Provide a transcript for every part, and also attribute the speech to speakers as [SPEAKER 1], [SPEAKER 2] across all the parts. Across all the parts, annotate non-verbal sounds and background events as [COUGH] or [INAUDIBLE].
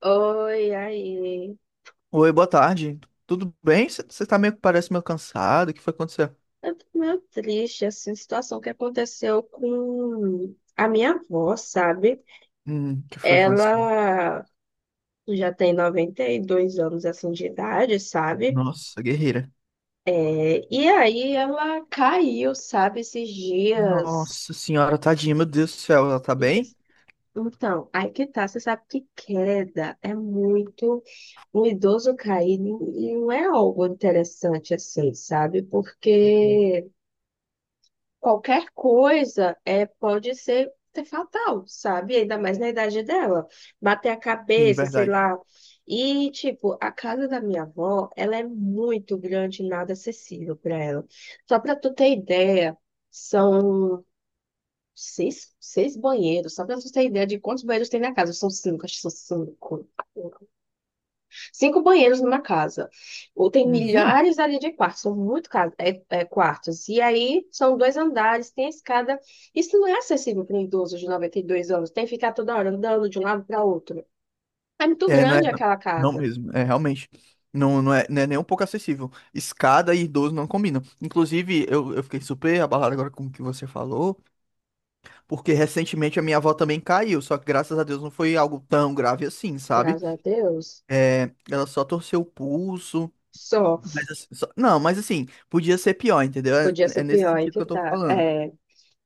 [SPEAKER 1] Oi, aí.
[SPEAKER 2] Oi, boa tarde. Tudo bem? Você tá meio que parece meio cansado. O que foi acontecer?
[SPEAKER 1] Eu tô meio triste, assim, situação que aconteceu com a minha avó, sabe?
[SPEAKER 2] O que foi acontecer?
[SPEAKER 1] Ela já tem 92 anos, assim, de idade, sabe?
[SPEAKER 2] Nossa, guerreira.
[SPEAKER 1] É, e aí ela caiu, sabe, esses dias.
[SPEAKER 2] Nossa senhora, tadinha, meu Deus do céu, ela tá
[SPEAKER 1] E
[SPEAKER 2] bem?
[SPEAKER 1] cês- Então, aí que tá, você sabe que queda é muito... Um idoso cair não é algo interessante, assim, sabe?
[SPEAKER 2] Uhum.
[SPEAKER 1] Porque qualquer coisa é, pode ser fatal, sabe? Ainda mais na idade dela. Bater a
[SPEAKER 2] Sim,
[SPEAKER 1] cabeça, sei
[SPEAKER 2] verdade.
[SPEAKER 1] lá. E, tipo, a casa da minha avó, ela é muito grande e nada acessível para ela. Só para tu ter ideia, são seis banheiros. Só para tu ter ideia de quantos banheiros tem na casa. São cinco, acho que são cinco. Cinco banheiros numa casa. Ou tem
[SPEAKER 2] Uhum.
[SPEAKER 1] milhares ali de quartos, são muito ca- é- é, quartos. E aí são 2 andares, tem a escada. Isso não é acessível para um idoso de 92 anos. Tem que ficar toda hora andando de um lado para outro. É muito
[SPEAKER 2] É.
[SPEAKER 1] grande
[SPEAKER 2] Não,
[SPEAKER 1] aquela
[SPEAKER 2] não
[SPEAKER 1] casa.
[SPEAKER 2] mesmo, é realmente. Não, não é, não é nem um pouco acessível. Escada e idoso não combinam. Inclusive, eu fiquei super abalado agora com o que você falou, porque recentemente a minha avó também caiu, só que graças a Deus não foi algo tão grave assim, sabe?
[SPEAKER 1] Graças a Deus.
[SPEAKER 2] É, ela só torceu o pulso.
[SPEAKER 1] Só.
[SPEAKER 2] Não, mas assim, podia ser pior, entendeu? É,
[SPEAKER 1] Podia
[SPEAKER 2] é
[SPEAKER 1] ser
[SPEAKER 2] nesse
[SPEAKER 1] pior, aí
[SPEAKER 2] sentido que
[SPEAKER 1] que
[SPEAKER 2] eu tô
[SPEAKER 1] tá.
[SPEAKER 2] falando.
[SPEAKER 1] É,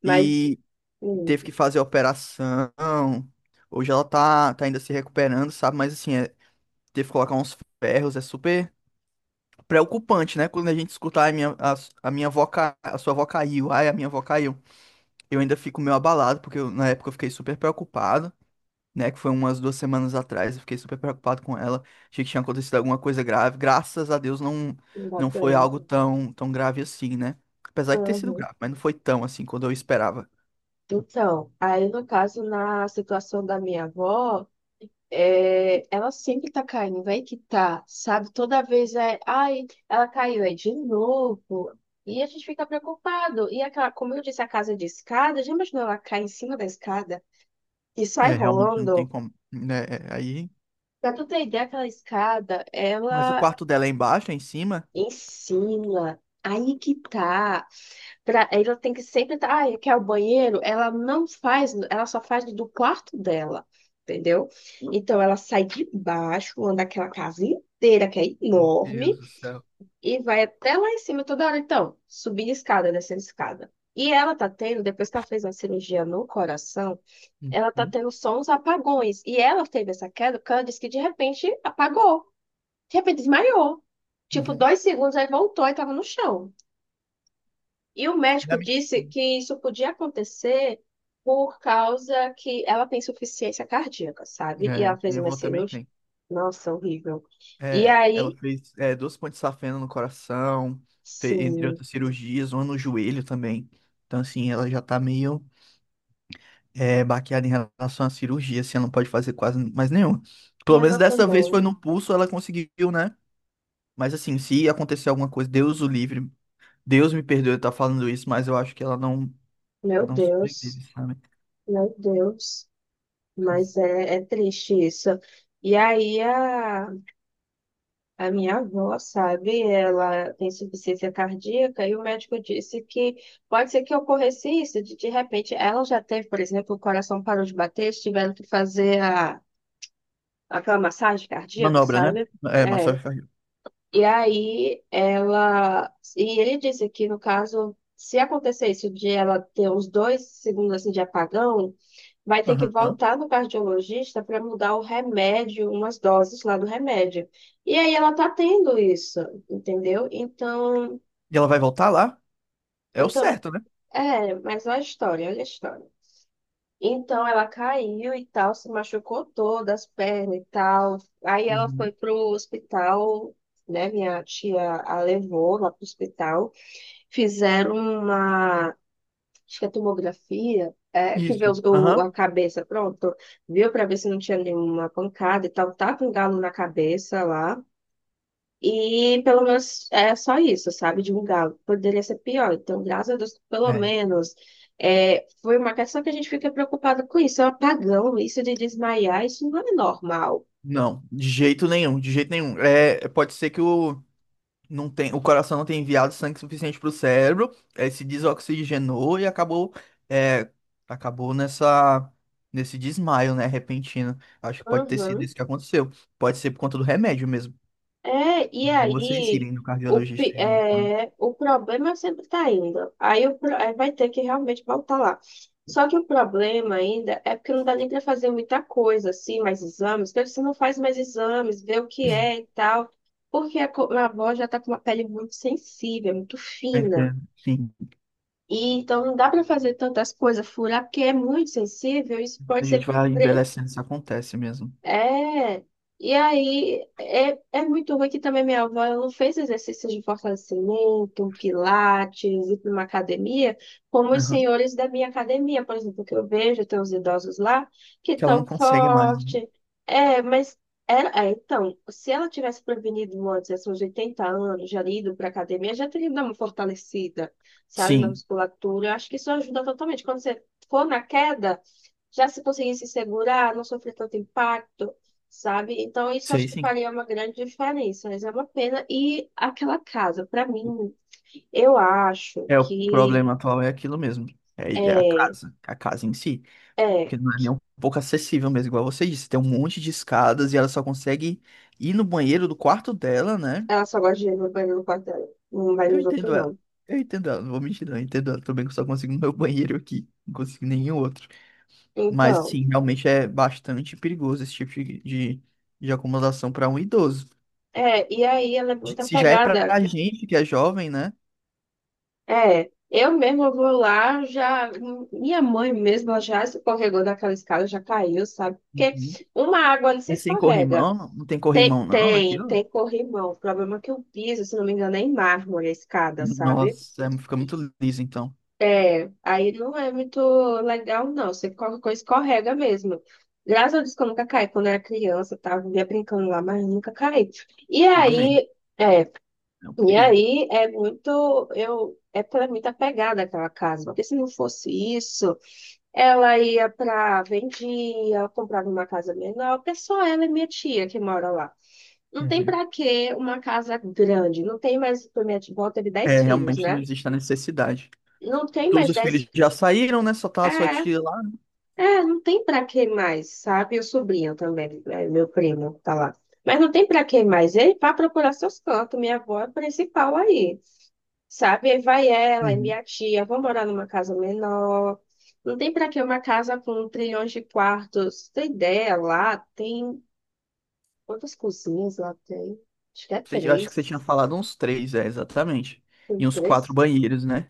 [SPEAKER 1] mas
[SPEAKER 2] E
[SPEAKER 1] hum,
[SPEAKER 2] teve que fazer a operação. Hoje ela tá ainda se recuperando, sabe? Mas assim, teve que colocar uns ferros, é super preocupante, né? Quando a gente escutar a minha avó, ca- a sua avó caiu, ai, a minha avó caiu. Eu ainda fico meio abalado, porque na época eu fiquei super preocupado, né? Que foi umas 2 semanas atrás. Eu fiquei super preocupado com ela. Achei que tinha acontecido alguma coisa grave. Graças a Deus não,
[SPEAKER 1] não dá
[SPEAKER 2] não foi
[SPEAKER 1] bem.
[SPEAKER 2] algo tão, tão grave assim, né? Apesar de ter sido
[SPEAKER 1] Uhum.
[SPEAKER 2] grave, mas não foi tão assim quando eu esperava.
[SPEAKER 1] Então, aí no caso, na situação da minha avó. É, ela sempre tá caindo, vai que tá, sabe? Toda vez é, ai, ela caiu, é de novo. E a gente fica preocupado. E aquela, como eu disse, a casa de escada, já imaginou ela cai em cima da escada e sai
[SPEAKER 2] É, realmente não tem
[SPEAKER 1] rolando?
[SPEAKER 2] como, né? É, aí.
[SPEAKER 1] Pra tu ter ideia, aquela escada,
[SPEAKER 2] Mas o
[SPEAKER 1] ela
[SPEAKER 2] quarto dela é embaixo, é em cima?
[SPEAKER 1] ensina. Aí que tá. Ela tem que sempre estar. Ah, quer o banheiro? Ela não faz, ela só faz do quarto dela, entendeu? Então ela sai de baixo, anda aquela casa inteira, que é
[SPEAKER 2] Meu
[SPEAKER 1] enorme,
[SPEAKER 2] Deus do céu.
[SPEAKER 1] e vai até lá em cima toda hora. Então, subir escada, descer escada. E ela tá tendo, depois que ela fez uma cirurgia no coração, ela tá
[SPEAKER 2] Uhum,
[SPEAKER 1] tendo só uns apagões. E ela teve essa queda, porque ela disse que de repente apagou, de repente desmaiou. Tipo,
[SPEAKER 2] uhum.
[SPEAKER 1] 2 segundos, aí voltou e tava no chão. E o médico
[SPEAKER 2] Da minha-
[SPEAKER 1] disse que isso podia acontecer por causa que ela tem insuficiência cardíaca, sabe? E
[SPEAKER 2] É,
[SPEAKER 1] ela fez
[SPEAKER 2] minha
[SPEAKER 1] uma
[SPEAKER 2] avó também
[SPEAKER 1] cirurgia.
[SPEAKER 2] tem.
[SPEAKER 1] Nossa, horrível. E
[SPEAKER 2] É,
[SPEAKER 1] aí,
[SPEAKER 2] ela fez duas pontes safena no coração, entre
[SPEAKER 1] sim,
[SPEAKER 2] outras cirurgias, uma no joelho também. Então, assim, ela já tá meio baqueada em relação à cirurgia, assim, ela não pode fazer quase mais nenhuma. Pelo
[SPEAKER 1] minha
[SPEAKER 2] menos
[SPEAKER 1] avó
[SPEAKER 2] dessa vez foi
[SPEAKER 1] também.
[SPEAKER 2] no pulso, ela conseguiu, né? Mas assim, se acontecer alguma coisa, Deus o livre, Deus me perdoe eu estar falando isso, mas eu acho que ela não,
[SPEAKER 1] Meu
[SPEAKER 2] não sobrevive,
[SPEAKER 1] Deus,
[SPEAKER 2] sabe?
[SPEAKER 1] meu Deus. Mas é, é triste isso. E aí, a A minha avó, sabe, ela tem insuficiência cardíaca e o médico disse que pode ser que ocorresse isso, de repente ela já teve, por exemplo, o coração parou de bater, eles tiveram que aquela massagem cardíaca,
[SPEAKER 2] Manobra, né?
[SPEAKER 1] sabe?
[SPEAKER 2] É,
[SPEAKER 1] É.
[SPEAKER 2] massagem cardíaca.
[SPEAKER 1] E aí ela. E ele disse que, no caso, se acontecer isso de ela ter uns 2 segundos assim, de apagão vai ter que
[SPEAKER 2] Aham.
[SPEAKER 1] voltar no cardiologista para mudar o remédio, umas doses lá do remédio. E aí ela tá tendo isso, entendeu? Então,
[SPEAKER 2] E ela vai voltar lá? É o
[SPEAKER 1] então,
[SPEAKER 2] certo, né?
[SPEAKER 1] é, mas olha a história, olha a história. Então ela caiu e tal, se machucou toda as pernas e tal. Aí ela
[SPEAKER 2] Uhum.
[SPEAKER 1] foi pro hospital, né? Minha tia a levou lá pro hospital, fizeram uma acho que a tomografia, é, que vê
[SPEAKER 2] Isso. Aham.
[SPEAKER 1] a cabeça, pronto, viu para ver se não tinha nenhuma pancada e tal, tá com um galo na cabeça lá. E pelo menos é só isso, sabe? De um galo. Poderia ser pior. Então, graças a Deus, pelo
[SPEAKER 2] É.
[SPEAKER 1] menos é, foi uma questão que a gente fica preocupada com isso. É um apagão, isso de desmaiar, isso não é normal.
[SPEAKER 2] Não, de jeito nenhum, de jeito nenhum. É, pode ser que o. Não tem, o coração não tem enviado sangue suficiente para o cérebro, ele se desoxigenou e acabou, é, acabou nesse desmaio, né, repentino. Acho que pode ter sido
[SPEAKER 1] Uhum.
[SPEAKER 2] isso que aconteceu. Pode ser por conta do remédio mesmo.
[SPEAKER 1] É,
[SPEAKER 2] É
[SPEAKER 1] e
[SPEAKER 2] bom vocês
[SPEAKER 1] aí
[SPEAKER 2] irem no cardiologista de novo.
[SPEAKER 1] o problema sempre está indo. Aí vai ter que realmente voltar lá. Só que o problema ainda é porque não dá nem para fazer muita coisa, assim, mais exames, porque você não faz mais exames, vê o que é e tal. Porque minha avó já está com uma pele muito sensível, muito
[SPEAKER 2] Eu
[SPEAKER 1] fina.
[SPEAKER 2] entendo. Sim,
[SPEAKER 1] E então não dá para fazer tantas coisas, furar, porque é muito sensível, isso
[SPEAKER 2] a
[SPEAKER 1] pode
[SPEAKER 2] gente
[SPEAKER 1] ser
[SPEAKER 2] vai envelhecendo, isso acontece mesmo.
[SPEAKER 1] é, e aí é, é muito ruim que também minha avó ela não fez exercícios de fortalecimento, pilates, ir para uma academia, como os
[SPEAKER 2] Aham.
[SPEAKER 1] senhores da minha academia, por exemplo, que eu vejo, tem os idosos lá, que
[SPEAKER 2] Que ela não
[SPEAKER 1] estão
[SPEAKER 2] consegue mais, né?
[SPEAKER 1] forte. É, mas ela, é, então, se ela tivesse prevenido antes, assim, uns 80 anos, já ido para academia, já teria dado uma fortalecida, sabe, na
[SPEAKER 2] Sim,
[SPEAKER 1] musculatura. Eu acho que isso ajuda totalmente. Quando você for na queda já se conseguisse segurar, não sofrer tanto impacto, sabe? Então, isso acho
[SPEAKER 2] sei
[SPEAKER 1] que
[SPEAKER 2] sim.
[SPEAKER 1] faria uma grande diferença, mas é uma pena. E aquela casa, para mim, eu acho
[SPEAKER 2] É, o
[SPEAKER 1] que
[SPEAKER 2] problema atual é aquilo mesmo. É,
[SPEAKER 1] é,
[SPEAKER 2] a casa em si.
[SPEAKER 1] é,
[SPEAKER 2] Porque não é nem um pouco acessível mesmo, igual você disse. Tem um monte de escadas e ela só consegue ir no banheiro do quarto dela, né?
[SPEAKER 1] ela só gosta de ir no banheiro no quarto dela, não vai
[SPEAKER 2] Eu
[SPEAKER 1] nos outros,
[SPEAKER 2] entendo ela.
[SPEAKER 1] não.
[SPEAKER 2] Eu entendo ela, não vou mentir, não. Eu entendo ela. Também que eu só consigo no meu [LAUGHS] banheiro aqui. Não consigo em nenhum outro. Mas,
[SPEAKER 1] Então,
[SPEAKER 2] assim, realmente é bastante perigoso esse tipo de acomodação para um idoso.
[SPEAKER 1] é, e aí ela é muito
[SPEAKER 2] Se já é pra
[SPEAKER 1] apegada.
[SPEAKER 2] gente que é jovem, né?
[SPEAKER 1] É, eu mesma vou lá, já, minha mãe mesmo, ela já escorregou daquela escada, já caiu, sabe? Porque
[SPEAKER 2] Uhum.
[SPEAKER 1] uma água ali se
[SPEAKER 2] É sem
[SPEAKER 1] escorrega.
[SPEAKER 2] corrimão? Não tem
[SPEAKER 1] Tem,
[SPEAKER 2] corrimão, não,
[SPEAKER 1] tem,
[SPEAKER 2] naquilo?
[SPEAKER 1] tem corrimão. O problema é que o piso, se não me engano, é em mármore a escada, sabe?
[SPEAKER 2] Nossa, fica muito liso, então.
[SPEAKER 1] É, aí não é muito legal, não. Você qualquer coisa escorrega mesmo. Graças a Deus que eu nunca caí. Quando eu era criança, eu tava vivia brincando lá, mas nunca caí. E
[SPEAKER 2] Amém.
[SPEAKER 1] aí, é,
[SPEAKER 2] É um
[SPEAKER 1] e
[SPEAKER 2] perigo.
[SPEAKER 1] aí é muito, eu, é pra mim tá pegada aquela casa. Porque se não fosse isso, ela ia pra, vendia, ela comprava uma casa menor, porque só ela e minha tia que mora lá. Não tem
[SPEAKER 2] Uhum.
[SPEAKER 1] para que uma casa grande, não tem mais, por minha avó teve 10
[SPEAKER 2] É,
[SPEAKER 1] filhos,
[SPEAKER 2] realmente não
[SPEAKER 1] né?
[SPEAKER 2] existe a necessidade.
[SPEAKER 1] Não tem
[SPEAKER 2] Todos
[SPEAKER 1] mais
[SPEAKER 2] os
[SPEAKER 1] 10
[SPEAKER 2] filhos
[SPEAKER 1] fi-
[SPEAKER 2] já saíram, né? Só tá a sua
[SPEAKER 1] é,
[SPEAKER 2] tia lá.
[SPEAKER 1] é, Não tem para que mais, sabe? E o sobrinho também, é, meu primo, tá lá. Mas não tem para que mais, ele vai procurar seus cantos, minha avó é a principal aí, sabe? Aí vai ela e
[SPEAKER 2] Uhum.
[SPEAKER 1] minha tia, vão morar numa casa menor. Não tem para que uma casa com trilhões de quartos, tem ideia lá, tem quantas cozinhas lá tem? Acho que é
[SPEAKER 2] Eu acho que você tinha
[SPEAKER 1] três.
[SPEAKER 2] falado uns três, é, exatamente.
[SPEAKER 1] Tem
[SPEAKER 2] E uns quatro
[SPEAKER 1] três
[SPEAKER 2] banheiros, né?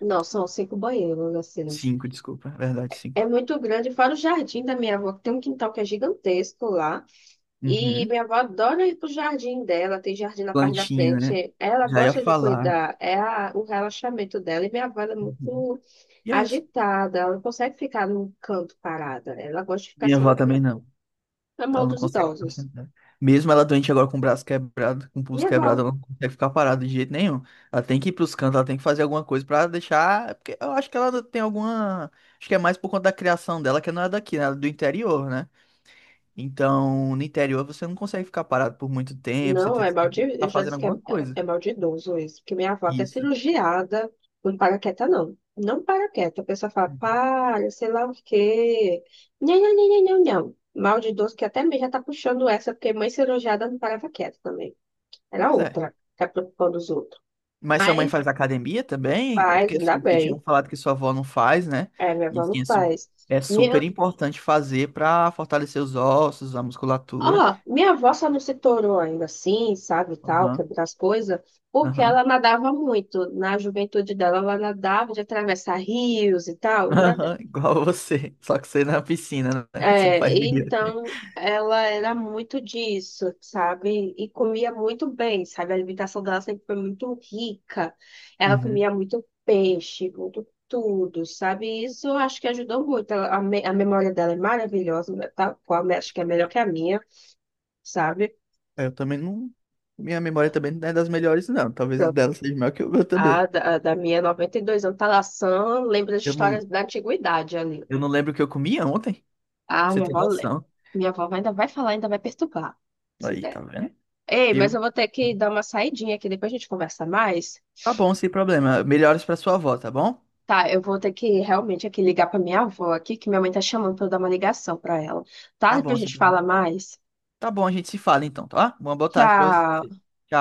[SPEAKER 1] Não, são cinco banheiros, assim.
[SPEAKER 2] Cinco, desculpa. É verdade,
[SPEAKER 1] É
[SPEAKER 2] cinco.
[SPEAKER 1] muito grande, fora o jardim da minha avó, que tem um quintal que é gigantesco lá. E
[SPEAKER 2] Uhum.
[SPEAKER 1] minha avó adora ir pro jardim dela, tem jardim na parte da
[SPEAKER 2] Plantinha, né?
[SPEAKER 1] frente. Ela
[SPEAKER 2] Já ia
[SPEAKER 1] gosta de
[SPEAKER 2] falar.
[SPEAKER 1] cuidar, o relaxamento dela. E minha avó ela é
[SPEAKER 2] Uhum.
[SPEAKER 1] muito
[SPEAKER 2] Yes.
[SPEAKER 1] agitada, ela não consegue ficar num canto parada. Ela gosta de ficar
[SPEAKER 2] Minha
[SPEAKER 1] se
[SPEAKER 2] avó também
[SPEAKER 1] movimentando,
[SPEAKER 2] não.
[SPEAKER 1] é
[SPEAKER 2] Ela
[SPEAKER 1] mal
[SPEAKER 2] não
[SPEAKER 1] dos
[SPEAKER 2] consegue ficar
[SPEAKER 1] idosos.
[SPEAKER 2] sentada. Mesmo ela doente agora com o braço quebrado, com o pulso
[SPEAKER 1] Minha
[SPEAKER 2] quebrado,
[SPEAKER 1] avó
[SPEAKER 2] ela não consegue ficar parada de jeito nenhum. Ela tem que ir pros cantos, ela tem que fazer alguma coisa pra deixar. Porque eu acho que ela tem alguma. Acho que é mais por conta da criação dela, que não é daqui, né? Ela é do interior, né? Então, no interior você não consegue ficar parado por muito tempo, você
[SPEAKER 1] Não,
[SPEAKER 2] tem sempre que
[SPEAKER 1] eu
[SPEAKER 2] estar
[SPEAKER 1] já
[SPEAKER 2] fazendo
[SPEAKER 1] disse que é,
[SPEAKER 2] alguma coisa.
[SPEAKER 1] é maldidoso isso, porque minha avó é até
[SPEAKER 2] Isso.
[SPEAKER 1] cirurgiada, não para quieta, não. Não para quieta, a pessoa fala, para, sei lá o quê. Não, não, não, não, não, não. Maldidoso que até mesmo já tá puxando essa, porque mãe cirurgiada não parava quieta também. Era
[SPEAKER 2] Pois é.
[SPEAKER 1] outra, tá preocupando os outros.
[SPEAKER 2] Mas sua mãe
[SPEAKER 1] Mas
[SPEAKER 2] faz academia também?
[SPEAKER 1] faz,
[SPEAKER 2] Porque
[SPEAKER 1] ainda
[SPEAKER 2] assim, vocês
[SPEAKER 1] bem.
[SPEAKER 2] tinham falado que sua avó não faz, né?
[SPEAKER 1] É, minha
[SPEAKER 2] E
[SPEAKER 1] avó não
[SPEAKER 2] que é
[SPEAKER 1] faz.
[SPEAKER 2] é super
[SPEAKER 1] Minha
[SPEAKER 2] importante fazer para fortalecer os ossos, a
[SPEAKER 1] Ó,
[SPEAKER 2] musculatura.
[SPEAKER 1] Minha avó só não se tornou ainda assim, sabe, tal,
[SPEAKER 2] Aham,
[SPEAKER 1] quebrar as coisas, porque ela
[SPEAKER 2] aham.
[SPEAKER 1] nadava muito. Na juventude dela, ela nadava de atravessar rios e tal.
[SPEAKER 2] Aham, [LAUGHS] igual você. Só que você é na piscina, né? [LAUGHS] Você não
[SPEAKER 1] É,
[SPEAKER 2] faz direito, né?
[SPEAKER 1] então, ela era muito disso, sabe? E comia muito bem, sabe? A alimentação dela sempre foi muito rica. Ela
[SPEAKER 2] Uhum.
[SPEAKER 1] comia muito peixe, muito tudo, sabe? Isso eu acho que ajudou muito. A memória dela é maravilhosa, né, tá? Acho que é melhor que a minha, sabe?
[SPEAKER 2] Eu também não. Minha memória também não é das melhores, não. Talvez o dela seja melhor que o meu também.
[SPEAKER 1] A da minha 92 anos, Talassã, lembra das
[SPEAKER 2] Eu
[SPEAKER 1] histórias
[SPEAKER 2] não,
[SPEAKER 1] da antiguidade ali.
[SPEAKER 2] eu não lembro o que eu comia ontem. Pra
[SPEAKER 1] Ah,
[SPEAKER 2] você
[SPEAKER 1] minha
[SPEAKER 2] ter
[SPEAKER 1] avó lembra.
[SPEAKER 2] noção.
[SPEAKER 1] Minha avó ainda vai falar, ainda vai perturbar, se
[SPEAKER 2] Aí,
[SPEAKER 1] der.
[SPEAKER 2] tá vendo?
[SPEAKER 1] Ei,
[SPEAKER 2] Eu...
[SPEAKER 1] mas eu vou ter que dar uma saidinha aqui, depois a gente conversa mais.
[SPEAKER 2] Tá bom, sem problema. Melhores pra sua avó, tá bom?
[SPEAKER 1] Tá, eu vou ter que realmente aqui ligar pra minha avó aqui, que minha mãe tá chamando pra eu dar uma ligação pra ela. Tá?
[SPEAKER 2] Tá bom,
[SPEAKER 1] Depois a
[SPEAKER 2] sem
[SPEAKER 1] gente fala
[SPEAKER 2] problema.
[SPEAKER 1] mais.
[SPEAKER 2] Tá bom, a gente se fala então, tá? Uma boa tarde pra você.
[SPEAKER 1] Tchau.
[SPEAKER 2] Tchau.